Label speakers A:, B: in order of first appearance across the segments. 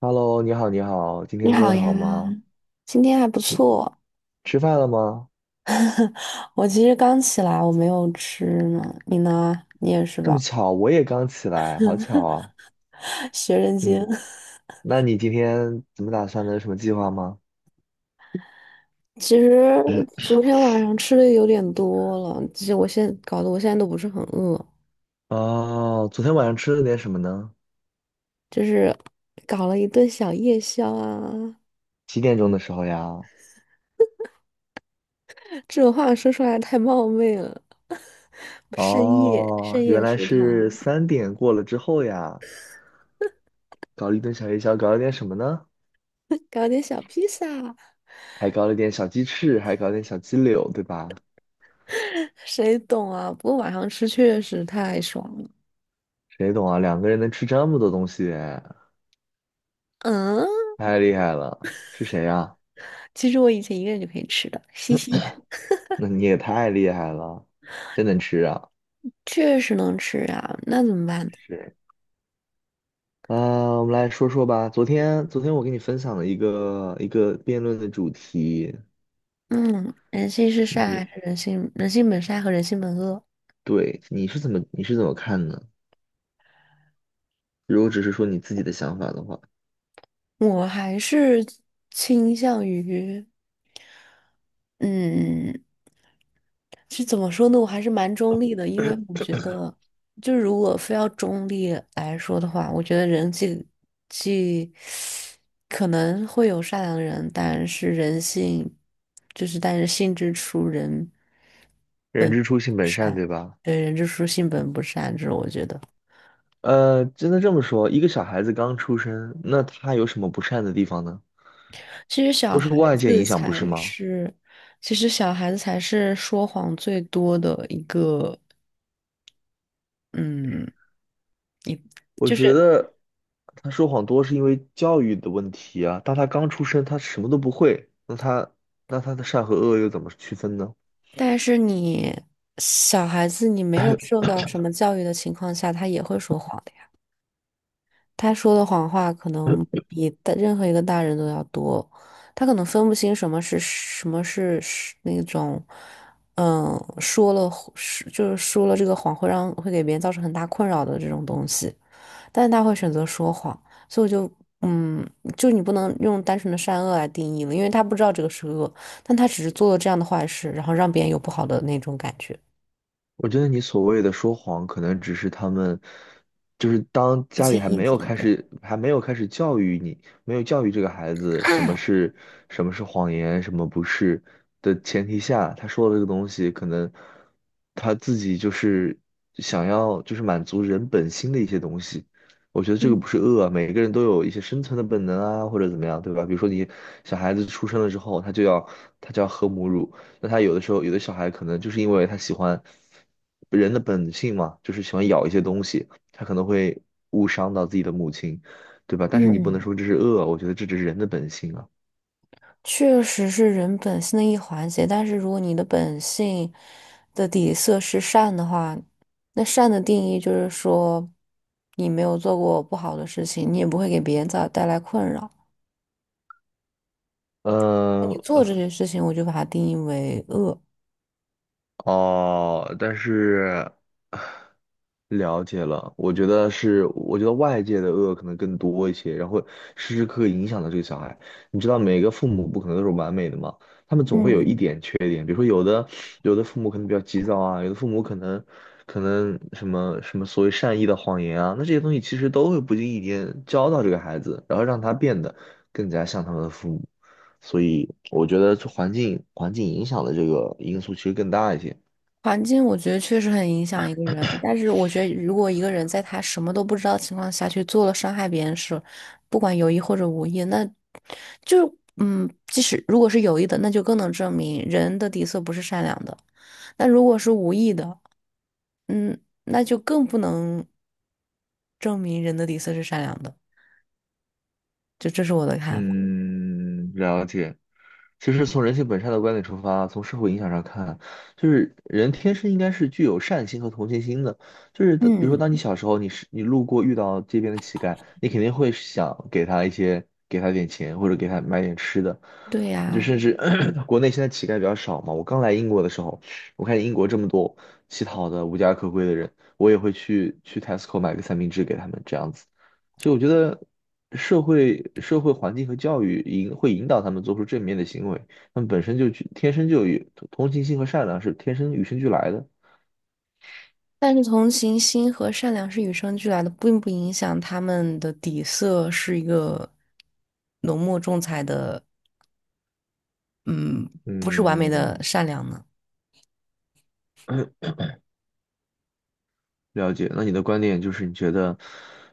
A: Hello，你好，你好，今
B: 你
A: 天过
B: 好
A: 得
B: 呀，
A: 好吗？
B: 今天还不
A: 你
B: 错。
A: 吃饭了吗？
B: 我其实刚起来，我没有吃呢。你呢？你也是
A: 这么
B: 吧？
A: 巧，我也刚起来，好巧啊。
B: 学人精。
A: 嗯，那你今天怎么打算的？有什么计划吗？
B: 其实昨天晚上吃的有点多了，其实我现在都不是很饿，
A: 哦，昨天晚上吃了点什么呢？
B: 就是搞了一顿小夜宵啊。
A: 几点钟的时候呀？
B: 这种话说出来太冒昧了，深夜
A: 哦，
B: 深
A: 原
B: 夜
A: 来
B: 食
A: 是
B: 堂，
A: 三点过了之后呀。搞了一顿小夜宵，搞了点什么呢？
B: 搞点小披萨，
A: 还搞了点小鸡翅，还搞了点小鸡柳，对吧？
B: 谁懂啊？不过晚上吃确实太爽了。
A: 谁懂啊？两个人能吃这么多东西，
B: 嗯。
A: 太厉害了。是谁呀、
B: 其实我以前一个人就可以吃的，嘻嘻，
A: 那你也太厉害了，真能吃啊！
B: 确实能吃啊，那怎么办呢？
A: 是，啊，我们来说说吧。昨天，昨天我给你分享了一个辩论的主题，
B: 嗯，人性是善还
A: 你
B: 是人性？人性本善和人性本恶，
A: 你是怎么看呢？如果只是说你自己的想法的话，
B: 我还是倾向于，嗯，是怎么说呢？我还是蛮中立的，因为我觉得，就如果非要中立来说的话，我觉得人既可能会有善良的人，但是人性就是，但是性之初人，
A: 人之初性本善，对吧？
B: 对，人之初性本不善，这是我觉得。
A: 真的这么说，一个小孩子刚出生，那他有什么不善的地方呢？
B: 其实小
A: 都是
B: 孩
A: 外界
B: 子
A: 影响，不是
B: 才
A: 吗？
B: 是，其实小孩子才是说谎最多的一个，嗯，一
A: 我
B: 就是，
A: 觉得他说谎多是因为教育的问题啊。当他刚出生，他什么都不会，那他的善和恶又怎么区分呢？
B: 但是你小孩子你没有受到什么教育的情况下，他也会说谎的呀。他说的谎话可能比大任何一个大人都要多，他可能分不清什么是那种，嗯，说了是就是说了这个谎会给别人造成很大困扰的这种东西。但是他会选择说谎，所以我就，嗯，就你不能用单纯的善恶来定义了，因为他不知道这个是恶，但他只是做了这样的坏事，然后让别人有不好的那种感觉。
A: 我觉得你所谓的说谎，可能只是他们，就是当家里还没有开始，还没有开始教育你，没有教育这个孩子什么是谎言，什么不是的前提下，他说的这个东西，可能他自己就是想要就是满足人本心的一些东西。我觉得这个
B: 嗯。
A: 不是恶啊，每个人都有一些生存的本能啊，或者怎么样，对吧？比如说你小孩子出生了之后，他就要喝母乳，那他有的时候，有的小孩可能就是因为他喜欢人的本性嘛，就是喜欢咬一些东西，他可能会误伤到自己的母亲，对吧？但是你不能
B: 嗯，
A: 说这是恶，我觉得这只是人的本性啊。
B: 确实是人本性的一环节，但是如果你的本性的底色是善的话，那善的定义就是说，你没有做过不好的事情，你也不会给别人造带来困扰。
A: 呃，
B: 你做这件事情，我就把它定义为恶。
A: 哦，但是了解了，我觉得是，我觉得外界的恶可能更多一些，然后时时刻刻影响到这个小孩。你知道，每个父母不可能都是完美的嘛，他们总会有一
B: 嗯，
A: 点缺点，比如说有的父母可能比较急躁啊，有的父母可能可能什么什么所谓善意的谎言啊，那这些东西其实都会不经意间教到这个孩子，然后让他变得更加像他们的父母。所以我觉得这环境影响的这个因素其实更大一些。
B: 环境我觉得确实很影响一个人，但是我觉得如果一个人在他什么都不知道的情况下去做了伤害别人的事，不管有意或者无意，就嗯，即使如果是有意的，那就更能证明人的底色不是善良的；那如果是无意的，嗯，那就更不能证明人的底色是善良的。就这是我的看法。
A: 嗯，了解。其实从人性本善的观点出发，从社会影响上看，就是人天生应该是具有善心和同情心的。就是比如说，
B: 嗯，
A: 当你小时候，你路过遇到街边的乞丐，你肯定会想给他一些，给他点钱或者给他买点吃的。
B: 对
A: 就
B: 呀、
A: 甚至 国内现在乞丐比较少嘛。我刚来英国的时候，我看见英国这么多乞讨的、无家可归的人，我也会去 Tesco 买个三明治给他们这样子。所以我觉得社会环境和教育会引导他们做出正面的行为，他们本身就具天生就有同情心和善良是天生与生俱来的。
B: 但是同情心和善良是与生俱来的，并不影响他们的底色是一个浓墨重彩的，嗯，不是完美的
A: 嗯，
B: 善良呢。
A: 了解，那你的观点就是你觉得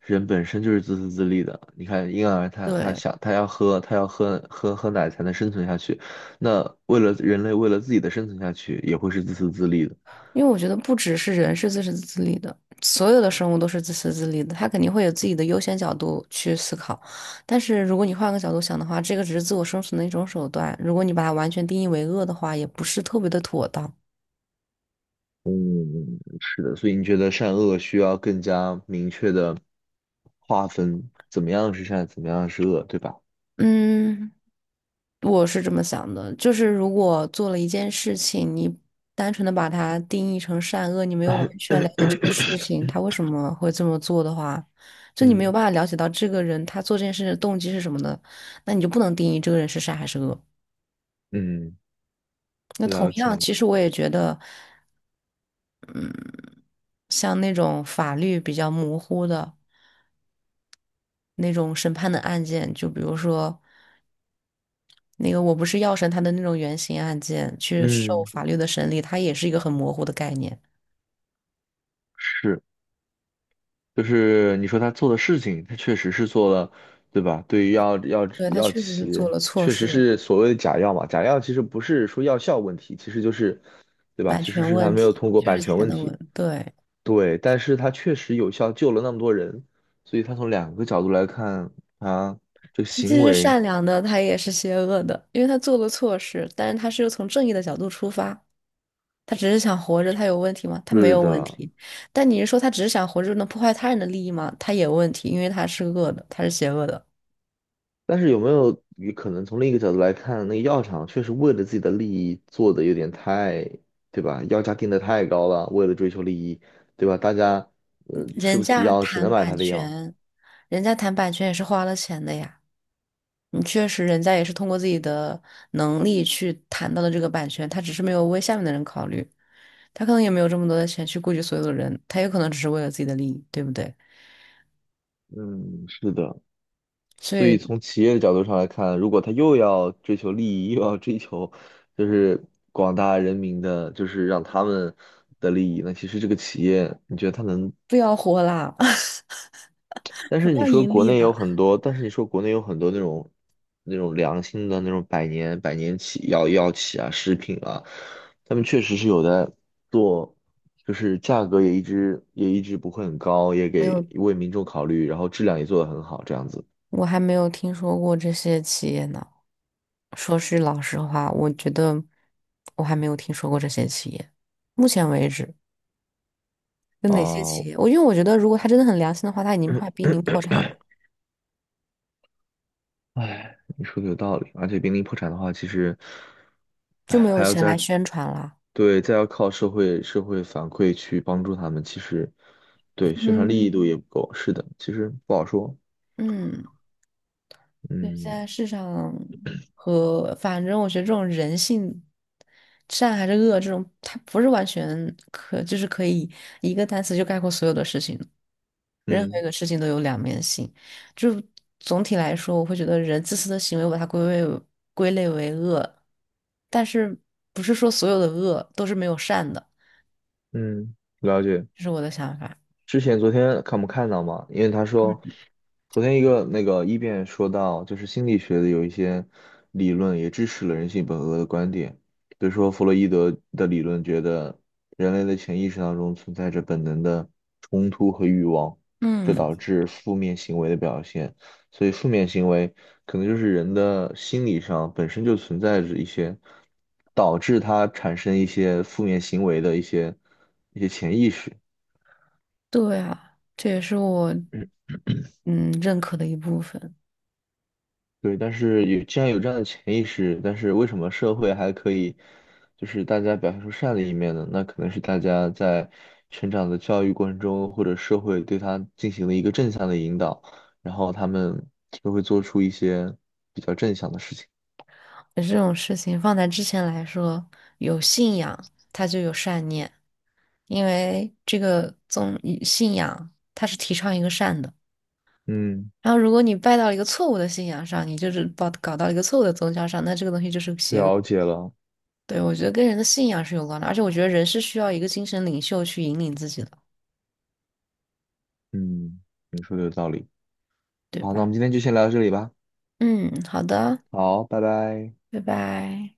A: 人本身就是自私自利的。你看婴儿他他
B: 对，
A: 想他要喝他要喝喝喝奶才能生存下去，那为了人类为了自己的生存下去也会是自私自利的。
B: 因为我觉得不只是人是自私自利的，所有的生物都是自私自利的，它肯定会有自己的优先角度去思考。但是如果你换个角度想的话，这个只是自我生存的一种手段，如果你把它完全定义为恶的话，也不是特别的妥当。
A: 是的，所以你觉得善恶需要更加明确的划分，怎么样是善，怎么样是恶，对吧？
B: 嗯。我是这么想的，就是如果做了一件事情，你单纯的把它定义成善恶，你没有完全了解这个事情他为 什么会这么做的话，就你没有
A: 嗯
B: 办法了解到这个人他做这件事的动机是什么的，那你就不能定义这个人是善还是恶。
A: 嗯，
B: 那同
A: 了解
B: 样，
A: 了。
B: 其实我也觉得，像那种法律比较模糊的那种审判的案件，就比如说那个我不是药神他的那种原型案件，去受
A: 嗯，
B: 法律的审理，它也是一个很模糊的概念。
A: 是。就是你说他做的事情，他确实是做了，对吧？对于
B: 对，他
A: 药
B: 确实是
A: 企，
B: 做了错
A: 确实
B: 事，
A: 是所谓的假药嘛。假药其实不是说药效问题，其实就是，对吧？
B: 版
A: 其实
B: 权
A: 是他
B: 问
A: 没有
B: 题
A: 通过
B: 确
A: 版
B: 实
A: 权
B: 钱
A: 问
B: 的
A: 题，
B: 问，对，
A: 对。但是他确实有效救了那么多人，所以他从两个角度来看，他这个
B: 他既
A: 行
B: 是
A: 为
B: 善良的，他也是邪恶的，因为他做了错事，但是他是从正义的角度出发，他只是想活着，他有问题吗？他没
A: 是
B: 有问
A: 的，
B: 题。但你是说他只是想活着能破坏他人的利益吗？他也有问题，因为他是恶的，他是邪恶的。
A: 但是有没有也可能从另一个角度来看，那个药厂确实为了自己的利益做的有点太，对吧？药价定的太高了，为了追求利益，对吧？大家吃
B: 人
A: 不起
B: 家
A: 药，只
B: 谈
A: 能买
B: 版
A: 他的药。
B: 权，人家谈版权也是花了钱的呀。嗯，确实，人家也是通过自己的能力去谈到的这个版权，他只是没有为下面的人考虑，他可能也没有这么多的钱去顾及所有的人，他有可能只是为了自己的利益，对不对？
A: 嗯，是的。
B: 所
A: 所以
B: 以
A: 从企业的角度上来看，如果他又要追求利益，又要追求就是广大人民的，就是让他们的利益，那其实这个企业，你觉得他能
B: 不要活啦，不要盈利啦。
A: 但是你说国内有很多那种良心的那种百年企啊、食品啊，他们确实是有在做，就是价格也一直不会很高，
B: 没有，
A: 为民众考虑，然后质量也做得很好，这样子。
B: 我还没有听说过这些企业呢。说是老实话，我觉得我还没有听说过这些企业，目前为止。有哪些企
A: 哦，
B: 业？我 因为我觉得，如果他真的很良心的话，他已经快濒临破产了，
A: 哎，你说的有道理，而且濒临破产的话，其实，
B: 就没
A: 哎，
B: 有
A: 还要
B: 钱来
A: 再，
B: 宣传了。
A: 对，再要靠社会反馈去帮助他们，其实，对，宣传力
B: 嗯，
A: 度也不够。是的，其实不好说。
B: 嗯，对，现
A: 嗯
B: 在市场和反正我觉得这种人性，善还是恶，这种它不是完全可，就是可以一个单词就概括所有的事情。任何一
A: 嗯
B: 个事情都有两面性，就总体来说，我会觉得人自私的行为，我把它为归类为恶，但是不是说所有的恶都是没有善的，
A: 嗯，了解。
B: 这是我的想法。
A: 之前昨天看没看到嘛？因为他说，
B: 嗯。
A: 昨天一个那个一辩说到，就是心理学的有一些理论也支持了人性本恶的观点，比如说弗洛伊德的理论觉得人类的潜意识当中存在着本能的冲突和欲望，这
B: 嗯，
A: 导致负面行为的表现。所以负面行为可能就是人的心理上本身就存在着一些导致他产生一些负面行为的一些潜意识。
B: 对啊，这也是我嗯认可的一部分。
A: 对，但是有既然有这样的潜意识，但是为什么社会还可以，就是大家表现出善的一面呢？那可能是大家在成长的教育过程中，或者社会对他进行了一个正向的引导，然后他们就会做出一些比较正向的事情。
B: 这种事情放在之前来说，有信仰，它就有善念，因为这个宗信仰它是提倡一个善的。
A: 嗯，
B: 然后，如果你拜到了一个错误的信仰上，你就是搞到一个错误的宗教上，那这个东西就是邪恶。
A: 了解了。
B: 对，我觉得跟人的信仰是有关的，而且我觉得人是需要一个精神领袖去引领自己的，
A: 嗯，你说的有道理。
B: 对
A: 好，那我们
B: 吧？
A: 今天就先聊到这里吧。
B: 嗯，好的，
A: 好，拜拜。
B: 拜拜。